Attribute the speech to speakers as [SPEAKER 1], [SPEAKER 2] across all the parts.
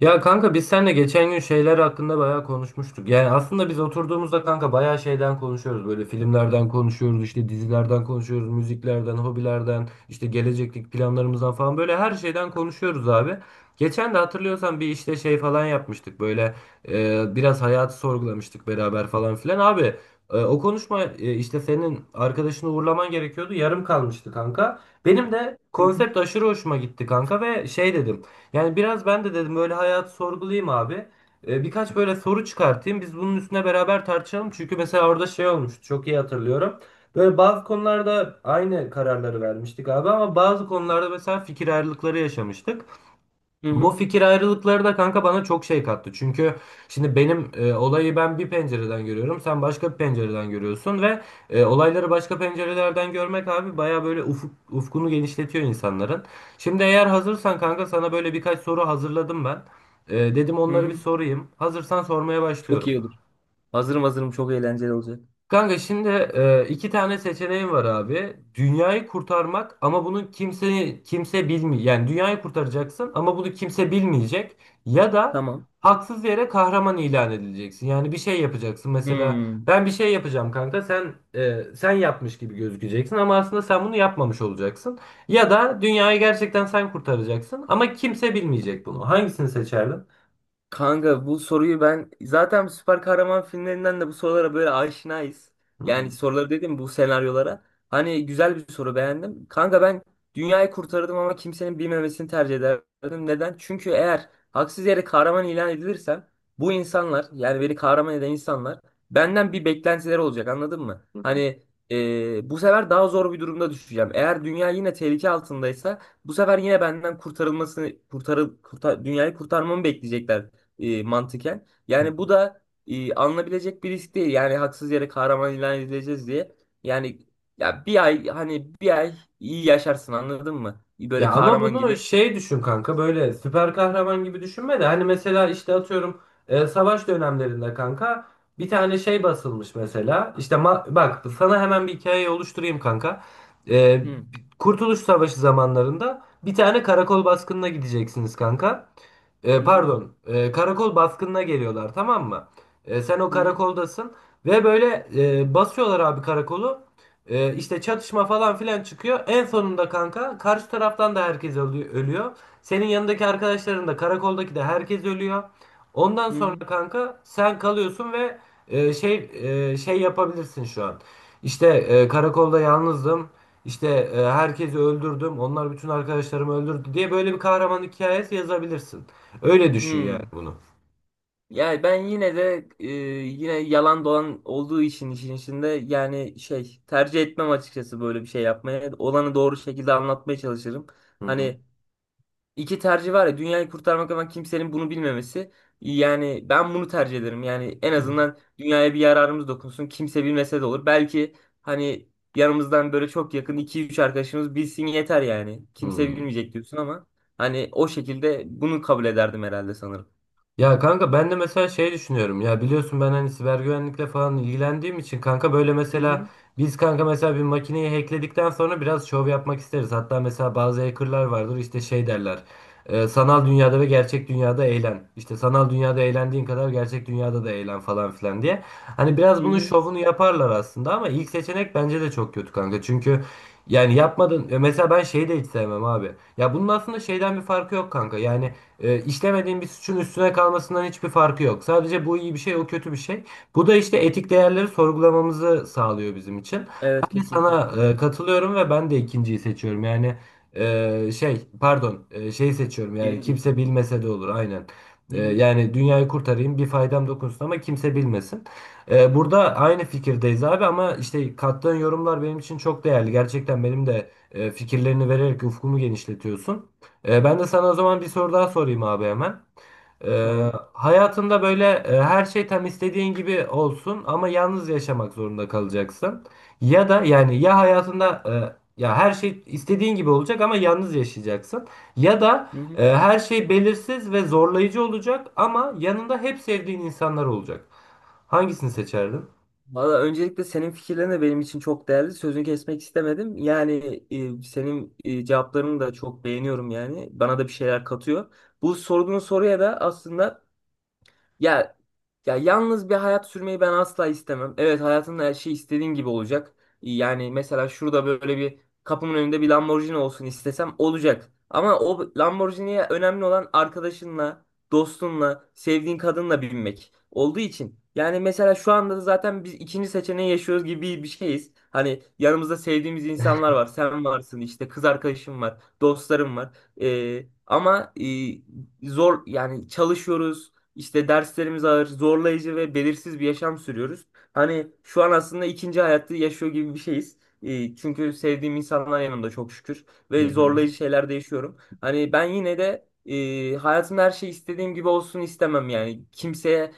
[SPEAKER 1] Ya kanka biz seninle geçen gün şeyler hakkında bayağı konuşmuştuk. Yani aslında biz oturduğumuzda kanka bayağı şeyden konuşuyoruz. Böyle filmlerden konuşuyoruz, işte dizilerden konuşuyoruz, müziklerden, hobilerden, işte gelecekteki planlarımızdan falan böyle her şeyden konuşuyoruz abi. Geçen de hatırlıyorsan bir işte şey falan yapmıştık böyle biraz hayatı sorgulamıştık beraber falan filan. Abi o konuşma işte senin arkadaşını uğurlaman gerekiyordu yarım kalmıştı kanka. Benim de
[SPEAKER 2] Hı hı,
[SPEAKER 1] konsept aşırı hoşuma gitti kanka ve şey dedim. Yani biraz ben de dedim böyle hayat sorgulayayım abi. Birkaç böyle soru çıkartayım. Biz bunun üstüne beraber tartışalım. Çünkü mesela orada şey olmuştu. Çok iyi hatırlıyorum. Böyle bazı konularda aynı kararları vermiştik abi ama bazı konularda mesela fikir ayrılıkları yaşamıştık.
[SPEAKER 2] hı
[SPEAKER 1] Bu
[SPEAKER 2] hı.
[SPEAKER 1] fikir ayrılıkları da kanka bana çok şey kattı. Çünkü şimdi benim olayı ben bir pencereden görüyorum. Sen başka bir pencereden görüyorsun ve olayları başka pencerelerden görmek abi baya böyle ufkunu genişletiyor insanların. Şimdi eğer hazırsan kanka sana böyle birkaç soru hazırladım ben. Dedim
[SPEAKER 2] Hı
[SPEAKER 1] onları bir
[SPEAKER 2] hı.
[SPEAKER 1] sorayım. Hazırsan sormaya
[SPEAKER 2] Çok
[SPEAKER 1] başlıyorum.
[SPEAKER 2] iyi olur. Hazırım hazırım, çok eğlenceli olacak.
[SPEAKER 1] Kanka şimdi iki tane seçeneğin var abi. Dünyayı kurtarmak ama bunu kimse bilmiyor. Yani dünyayı kurtaracaksın ama bunu kimse bilmeyecek. Ya da
[SPEAKER 2] Tamam.
[SPEAKER 1] haksız yere kahraman ilan edileceksin. Yani bir şey yapacaksın. Mesela
[SPEAKER 2] Hmm.
[SPEAKER 1] ben bir şey yapacağım kanka. Sen yapmış gibi gözükeceksin ama aslında sen bunu yapmamış olacaksın. Ya da dünyayı gerçekten sen kurtaracaksın ama kimse bilmeyecek bunu. Hangisini seçerdin?
[SPEAKER 2] Kanka bu soruyu ben zaten süper kahraman filmlerinden de bu sorulara böyle aşinayız. Yani
[SPEAKER 1] Hı
[SPEAKER 2] soruları dedim bu senaryolara. Hani güzel bir soru, beğendim. Kanka ben dünyayı kurtardım ama kimsenin bilmemesini tercih ederdim. Neden? Çünkü eğer haksız yere kahraman ilan edilirsem bu insanlar, yani beni kahraman eden insanlar, benden bir beklentileri olacak anladın mı? Hani bu sefer daha zor bir durumda düşeceğim. Eğer dünya yine tehlike altındaysa bu sefer yine benden dünyayı kurtarmamı bekleyecekler mantıken.
[SPEAKER 1] hı.
[SPEAKER 2] Yani bu da alınabilecek bir risk değil. Yani haksız yere kahraman ilan edileceğiz diye. Yani ya bir ay, hani bir ay iyi yaşarsın anladın mı? Böyle
[SPEAKER 1] Ya ama
[SPEAKER 2] kahraman
[SPEAKER 1] bunu
[SPEAKER 2] gibi.
[SPEAKER 1] şey düşün kanka böyle süper kahraman gibi düşünme de hani mesela işte atıyorum savaş dönemlerinde kanka bir tane şey basılmış mesela işte bak sana hemen bir hikayeyi oluşturayım kanka. E,
[SPEAKER 2] Hı
[SPEAKER 1] Kurtuluş Savaşı zamanlarında bir tane karakol baskınına gideceksiniz kanka. E,
[SPEAKER 2] hı, hı
[SPEAKER 1] pardon, karakol baskınına geliyorlar tamam mı? Sen o
[SPEAKER 2] hı,
[SPEAKER 1] karakoldasın ve böyle basıyorlar abi karakolu. İşte çatışma falan filan çıkıyor. En sonunda kanka karşı taraftan da herkes ölüyor. Senin yanındaki arkadaşların da karakoldaki de herkes ölüyor. Ondan
[SPEAKER 2] hı
[SPEAKER 1] sonra
[SPEAKER 2] hı.
[SPEAKER 1] kanka sen kalıyorsun ve e, şey şey yapabilirsin şu an. İşte karakolda yalnızdım. İşte herkesi öldürdüm. Onlar bütün arkadaşlarımı öldürdü diye böyle bir kahraman hikayesi yazabilirsin. Öyle düşün yani
[SPEAKER 2] Hı.
[SPEAKER 1] bunu.
[SPEAKER 2] Yani ben yine de yine yalan dolan olduğu için işin içinde, yani şey tercih etmem açıkçası böyle bir şey yapmaya. Olanı doğru şekilde anlatmaya çalışırım.
[SPEAKER 1] Hı hı.
[SPEAKER 2] Hani İki tercih var ya, dünyayı kurtarmak ama kimsenin bunu bilmemesi. Yani ben bunu tercih ederim. Yani en
[SPEAKER 1] Hı. Hı.
[SPEAKER 2] azından dünyaya bir yararımız dokunsun. Kimse bilmese de olur. Belki hani yanımızdan böyle çok yakın iki üç arkadaşımız bilsin yeter yani. Kimse
[SPEAKER 1] Hmm.
[SPEAKER 2] bilmeyecek diyorsun ama hani o şekilde bunu kabul ederdim herhalde, sanırım.
[SPEAKER 1] Ya kanka ben de mesela şey düşünüyorum ya biliyorsun ben hani siber güvenlikle falan ilgilendiğim için kanka böyle
[SPEAKER 2] Hı
[SPEAKER 1] mesela
[SPEAKER 2] hı.
[SPEAKER 1] biz kanka mesela bir makineyi hackledikten sonra biraz şov yapmak isteriz. Hatta mesela bazı hackerlar vardır işte şey derler sanal dünyada ve gerçek dünyada eğlen. İşte sanal dünyada eğlendiğin kadar gerçek dünyada da eğlen falan filan diye. Hani biraz
[SPEAKER 2] Hı
[SPEAKER 1] bunun
[SPEAKER 2] hı.
[SPEAKER 1] şovunu yaparlar aslında ama ilk seçenek bence de çok kötü kanka çünkü yani yapmadın. Mesela ben şeyi de hiç sevmem abi. Ya bunun aslında şeyden bir farkı yok kanka. Yani işlemediğin bir suçun üstüne kalmasından hiçbir farkı yok. Sadece bu iyi bir şey, o kötü bir şey. Bu da işte etik değerleri sorgulamamızı sağlıyor bizim için.
[SPEAKER 2] Evet,
[SPEAKER 1] Ben de
[SPEAKER 2] kesinlikle.
[SPEAKER 1] sana katılıyorum ve ben de ikinciyi seçiyorum. Yani pardon, şeyi seçiyorum. Yani
[SPEAKER 2] Birinci.
[SPEAKER 1] kimse bilmese de olur, aynen.
[SPEAKER 2] Hı
[SPEAKER 1] E,
[SPEAKER 2] hı.
[SPEAKER 1] yani dünyayı kurtarayım, bir faydam dokunsun ama kimse bilmesin. Burada aynı fikirdeyiz abi ama işte kattığın yorumlar benim için çok değerli. Gerçekten benim de fikirlerini vererek ufkumu genişletiyorsun. Ben de sana o zaman bir soru daha sorayım abi hemen. Ee,
[SPEAKER 2] Tamam.
[SPEAKER 1] hayatında böyle her şey tam istediğin gibi olsun ama yalnız yaşamak zorunda kalacaksın. Ya da yani ya hayatında ya her şey istediğin gibi olacak ama yalnız yaşayacaksın. Ya da
[SPEAKER 2] Hı hı.
[SPEAKER 1] her şey belirsiz ve zorlayıcı olacak ama yanında hep sevdiğin insanlar olacak. Hangisini seçerdin?
[SPEAKER 2] Valla öncelikle senin fikirlerin de benim için çok değerli. Sözünü kesmek istemedim. Yani senin cevaplarını da çok beğeniyorum yani. Bana da bir şeyler katıyor. Bu sorduğun soruya da aslında, ya, ya yalnız bir hayat sürmeyi ben asla istemem. Evet, hayatında her şey istediğin gibi olacak. Yani mesela şurada böyle bir, kapımın önünde bir Lamborghini olsun istesem olacak. Ama o Lamborghini'ye önemli olan arkadaşınla, dostunla, sevdiğin kadınla binmek olduğu için. Yani mesela şu anda da zaten biz ikinci seçeneği yaşıyoruz gibi bir şeyiz. Hani yanımızda sevdiğimiz insanlar var. Sen varsın, işte kız arkadaşım var, dostlarım var. Ama zor yani, çalışıyoruz, işte derslerimiz ağır, zorlayıcı ve belirsiz bir yaşam sürüyoruz. Hani şu an aslında ikinci hayatı yaşıyor gibi bir şeyiz. Çünkü sevdiğim insanlar yanımda, çok şükür,
[SPEAKER 1] Hı
[SPEAKER 2] ve
[SPEAKER 1] hı.
[SPEAKER 2] zorlayıcı şeyler de yaşıyorum. Hani ben yine de hayatımda her şey istediğim gibi olsun istemem yani. Kimseyle,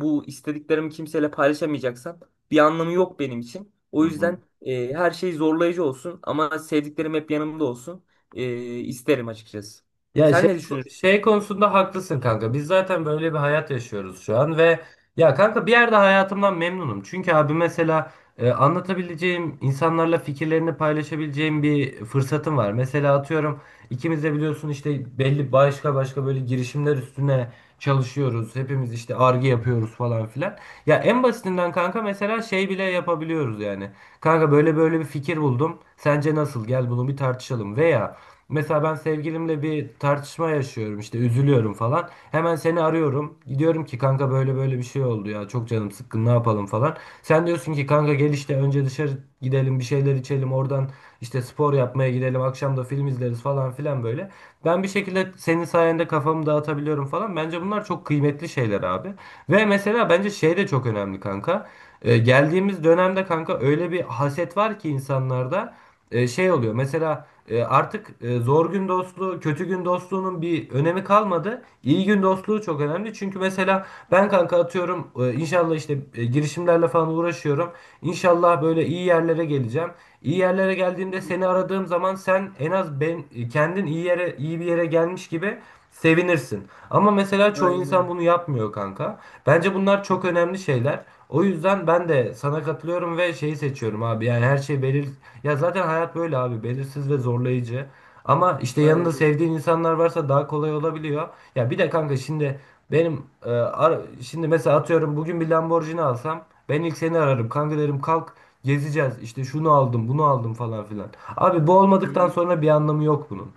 [SPEAKER 2] bu istediklerimi kimseyle paylaşamayacaksam bir anlamı yok benim için. O
[SPEAKER 1] Hı hı.
[SPEAKER 2] yüzden her şey zorlayıcı olsun ama sevdiklerim hep yanımda olsun e, isterim açıkçası.
[SPEAKER 1] Ya
[SPEAKER 2] Sen
[SPEAKER 1] şey
[SPEAKER 2] ne düşünürsün?
[SPEAKER 1] şey konusunda haklısın kanka. Biz zaten böyle bir hayat yaşıyoruz şu an ve ya kanka bir yerde hayatımdan memnunum. Çünkü abi mesela anlatabileceğim, insanlarla fikirlerini paylaşabileceğim bir fırsatım var. Mesela atıyorum ikimiz de biliyorsun işte belli başka başka böyle girişimler üstüne çalışıyoruz. Hepimiz işte arge yapıyoruz falan filan. Ya en basitinden kanka mesela şey bile yapabiliyoruz yani. Kanka böyle böyle bir fikir buldum. Sence nasıl? Gel bunu bir tartışalım. Veya mesela ben sevgilimle bir tartışma yaşıyorum işte üzülüyorum falan. Hemen seni arıyorum. Diyorum ki kanka böyle böyle bir şey oldu ya. Çok canım sıkkın ne yapalım falan. Sen diyorsun ki kanka gel işte önce dışarı gidelim bir şeyler içelim. Oradan işte spor yapmaya gidelim. Akşam da film izleriz falan filan böyle. Ben bir şekilde senin sayende kafamı dağıtabiliyorum falan. Bence bunlar çok kıymetli lezzetli şeyler abi. Ve mesela bence şey de çok önemli kanka. Geldiğimiz dönemde kanka öyle bir haset var ki insanlarda şey oluyor. Mesela artık zor gün dostluğu, kötü gün dostluğunun bir önemi kalmadı. İyi gün dostluğu çok önemli. Çünkü mesela ben kanka atıyorum inşallah işte girişimlerle falan uğraşıyorum. İnşallah böyle iyi yerlere geleceğim. İyi yerlere
[SPEAKER 2] Hı
[SPEAKER 1] geldiğimde
[SPEAKER 2] hı.
[SPEAKER 1] seni aradığım zaman sen en az ben kendin iyi bir yere gelmiş gibi sevinirsin. Ama mesela çoğu
[SPEAKER 2] Aynen
[SPEAKER 1] insan
[SPEAKER 2] öyle.
[SPEAKER 1] bunu yapmıyor kanka. Bence bunlar
[SPEAKER 2] Hı.
[SPEAKER 1] çok önemli şeyler. O yüzden ben de sana katılıyorum ve şeyi seçiyorum abi. Yani her şey belir ya zaten hayat böyle abi. Belirsiz ve zorlayıcı. Ama işte yanında
[SPEAKER 2] Aynen.
[SPEAKER 1] sevdiğin insanlar varsa daha kolay olabiliyor. Ya bir de kanka şimdi benim e, ar- şimdi mesela atıyorum bugün bir Lamborghini alsam ben ilk seni ararım. Kanka derim kalk gezeceğiz. İşte şunu aldım, bunu aldım falan filan. Abi bu
[SPEAKER 2] Hı
[SPEAKER 1] olmadıktan
[SPEAKER 2] hı.
[SPEAKER 1] sonra bir anlamı yok bunun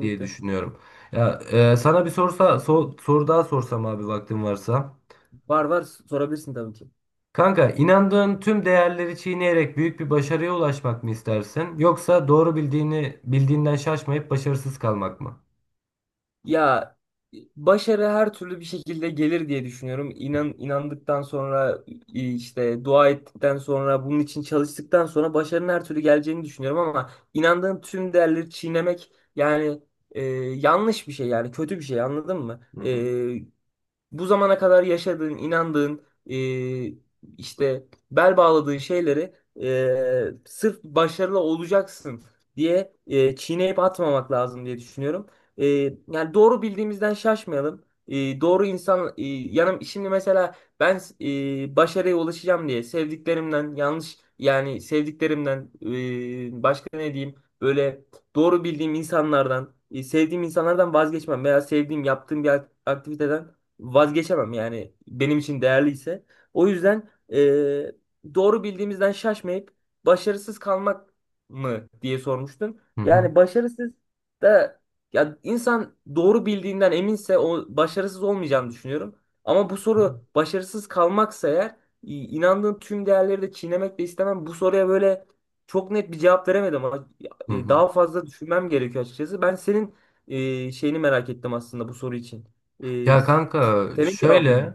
[SPEAKER 1] diye düşünüyorum. Ya sana bir soru daha sorsam abi vaktin varsa.
[SPEAKER 2] Var var, sorabilirsin tabii ki.
[SPEAKER 1] Kanka inandığın tüm değerleri çiğneyerek büyük bir başarıya ulaşmak mı istersin yoksa doğru bildiğinden şaşmayıp başarısız kalmak mı?
[SPEAKER 2] Ya, başarı her türlü bir şekilde gelir diye düşünüyorum. İnan inandıktan sonra, işte dua ettikten sonra, bunun için çalıştıktan sonra başarının her türlü geleceğini düşünüyorum ama inandığın tüm değerleri çiğnemek, yani yanlış bir şey, yani kötü bir şey, anladın mı?
[SPEAKER 1] Hı hı.
[SPEAKER 2] Bu zamana kadar yaşadığın, inandığın, e, işte bel bağladığın şeyleri sırf başarılı olacaksın diye çiğneyip atmamak lazım diye düşünüyorum. E, yani doğru bildiğimizden şaşmayalım. Doğru insan yanım, şimdi mesela ben başarıya ulaşacağım diye sevdiklerimden, yanlış yani, sevdiklerimden başka ne diyeyim, böyle doğru bildiğim insanlardan, sevdiğim insanlardan vazgeçmem veya sevdiğim, yaptığım bir aktiviteden vazgeçemem yani, benim için değerliyse. O yüzden doğru bildiğimizden şaşmayıp başarısız kalmak mı diye sormuştun.
[SPEAKER 1] Hı hı.
[SPEAKER 2] Yani başarısız da, ya, insan doğru bildiğinden eminse o, başarısız olmayacağını düşünüyorum. Ama bu
[SPEAKER 1] Hı.
[SPEAKER 2] soru başarısız kalmaksa eğer, inandığım tüm değerleri de çiğnemek de istemem. Bu soruya böyle çok net bir cevap veremedim ama
[SPEAKER 1] Hı.
[SPEAKER 2] daha fazla düşünmem gerekiyor açıkçası. Ben senin şeyini merak ettim aslında bu soru için.
[SPEAKER 1] Ya kanka
[SPEAKER 2] Senin cevabın mı?
[SPEAKER 1] şöyle.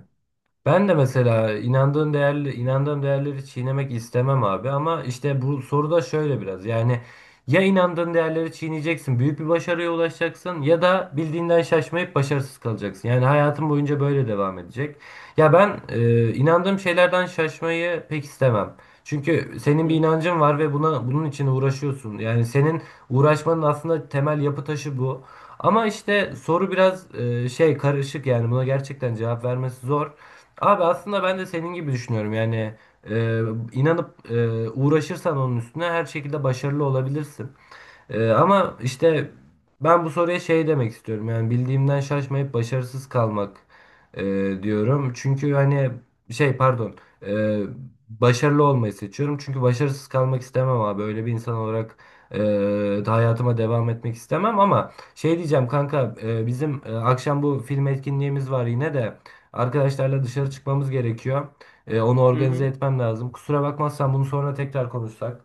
[SPEAKER 1] Ben de mesela inandığım değerleri çiğnemek istemem abi ama işte bu soruda şöyle biraz yani ya inandığın değerleri çiğneyeceksin, büyük bir başarıya ulaşacaksın ya da bildiğinden şaşmayıp başarısız kalacaksın. Yani hayatın boyunca böyle devam edecek. Ya ben inandığım şeylerden şaşmayı pek istemem. Çünkü senin
[SPEAKER 2] Hı
[SPEAKER 1] bir
[SPEAKER 2] hı.
[SPEAKER 1] inancın var ve bunun için uğraşıyorsun. Yani senin uğraşmanın aslında temel yapı taşı bu. Ama işte soru biraz şey karışık yani buna gerçekten cevap vermesi zor. Abi aslında ben de senin gibi düşünüyorum. Yani e, inanıp uğraşırsan onun üstüne her şekilde başarılı olabilirsin. Ama işte ben bu soruya şey demek istiyorum. Yani bildiğimden şaşmayıp başarısız kalmak e, diyorum. Çünkü hani şey pardon e, başarılı olmayı seçiyorum. Çünkü başarısız kalmak istemem abi. Böyle bir insan olarak e, da hayatıma devam etmek istemem ama şey diyeceğim kanka bizim akşam bu film etkinliğimiz var yine de arkadaşlarla dışarı çıkmamız gerekiyor. Onu
[SPEAKER 2] Hı
[SPEAKER 1] organize
[SPEAKER 2] hı.
[SPEAKER 1] etmem lazım. Kusura bakmazsan bunu sonra tekrar konuşsak.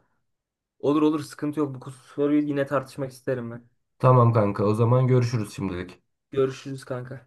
[SPEAKER 2] Olur olur, sıkıntı yok. Bu soruyu yine tartışmak isterim ben.
[SPEAKER 1] Tamam kanka o zaman görüşürüz şimdilik.
[SPEAKER 2] Görüşürüz kanka.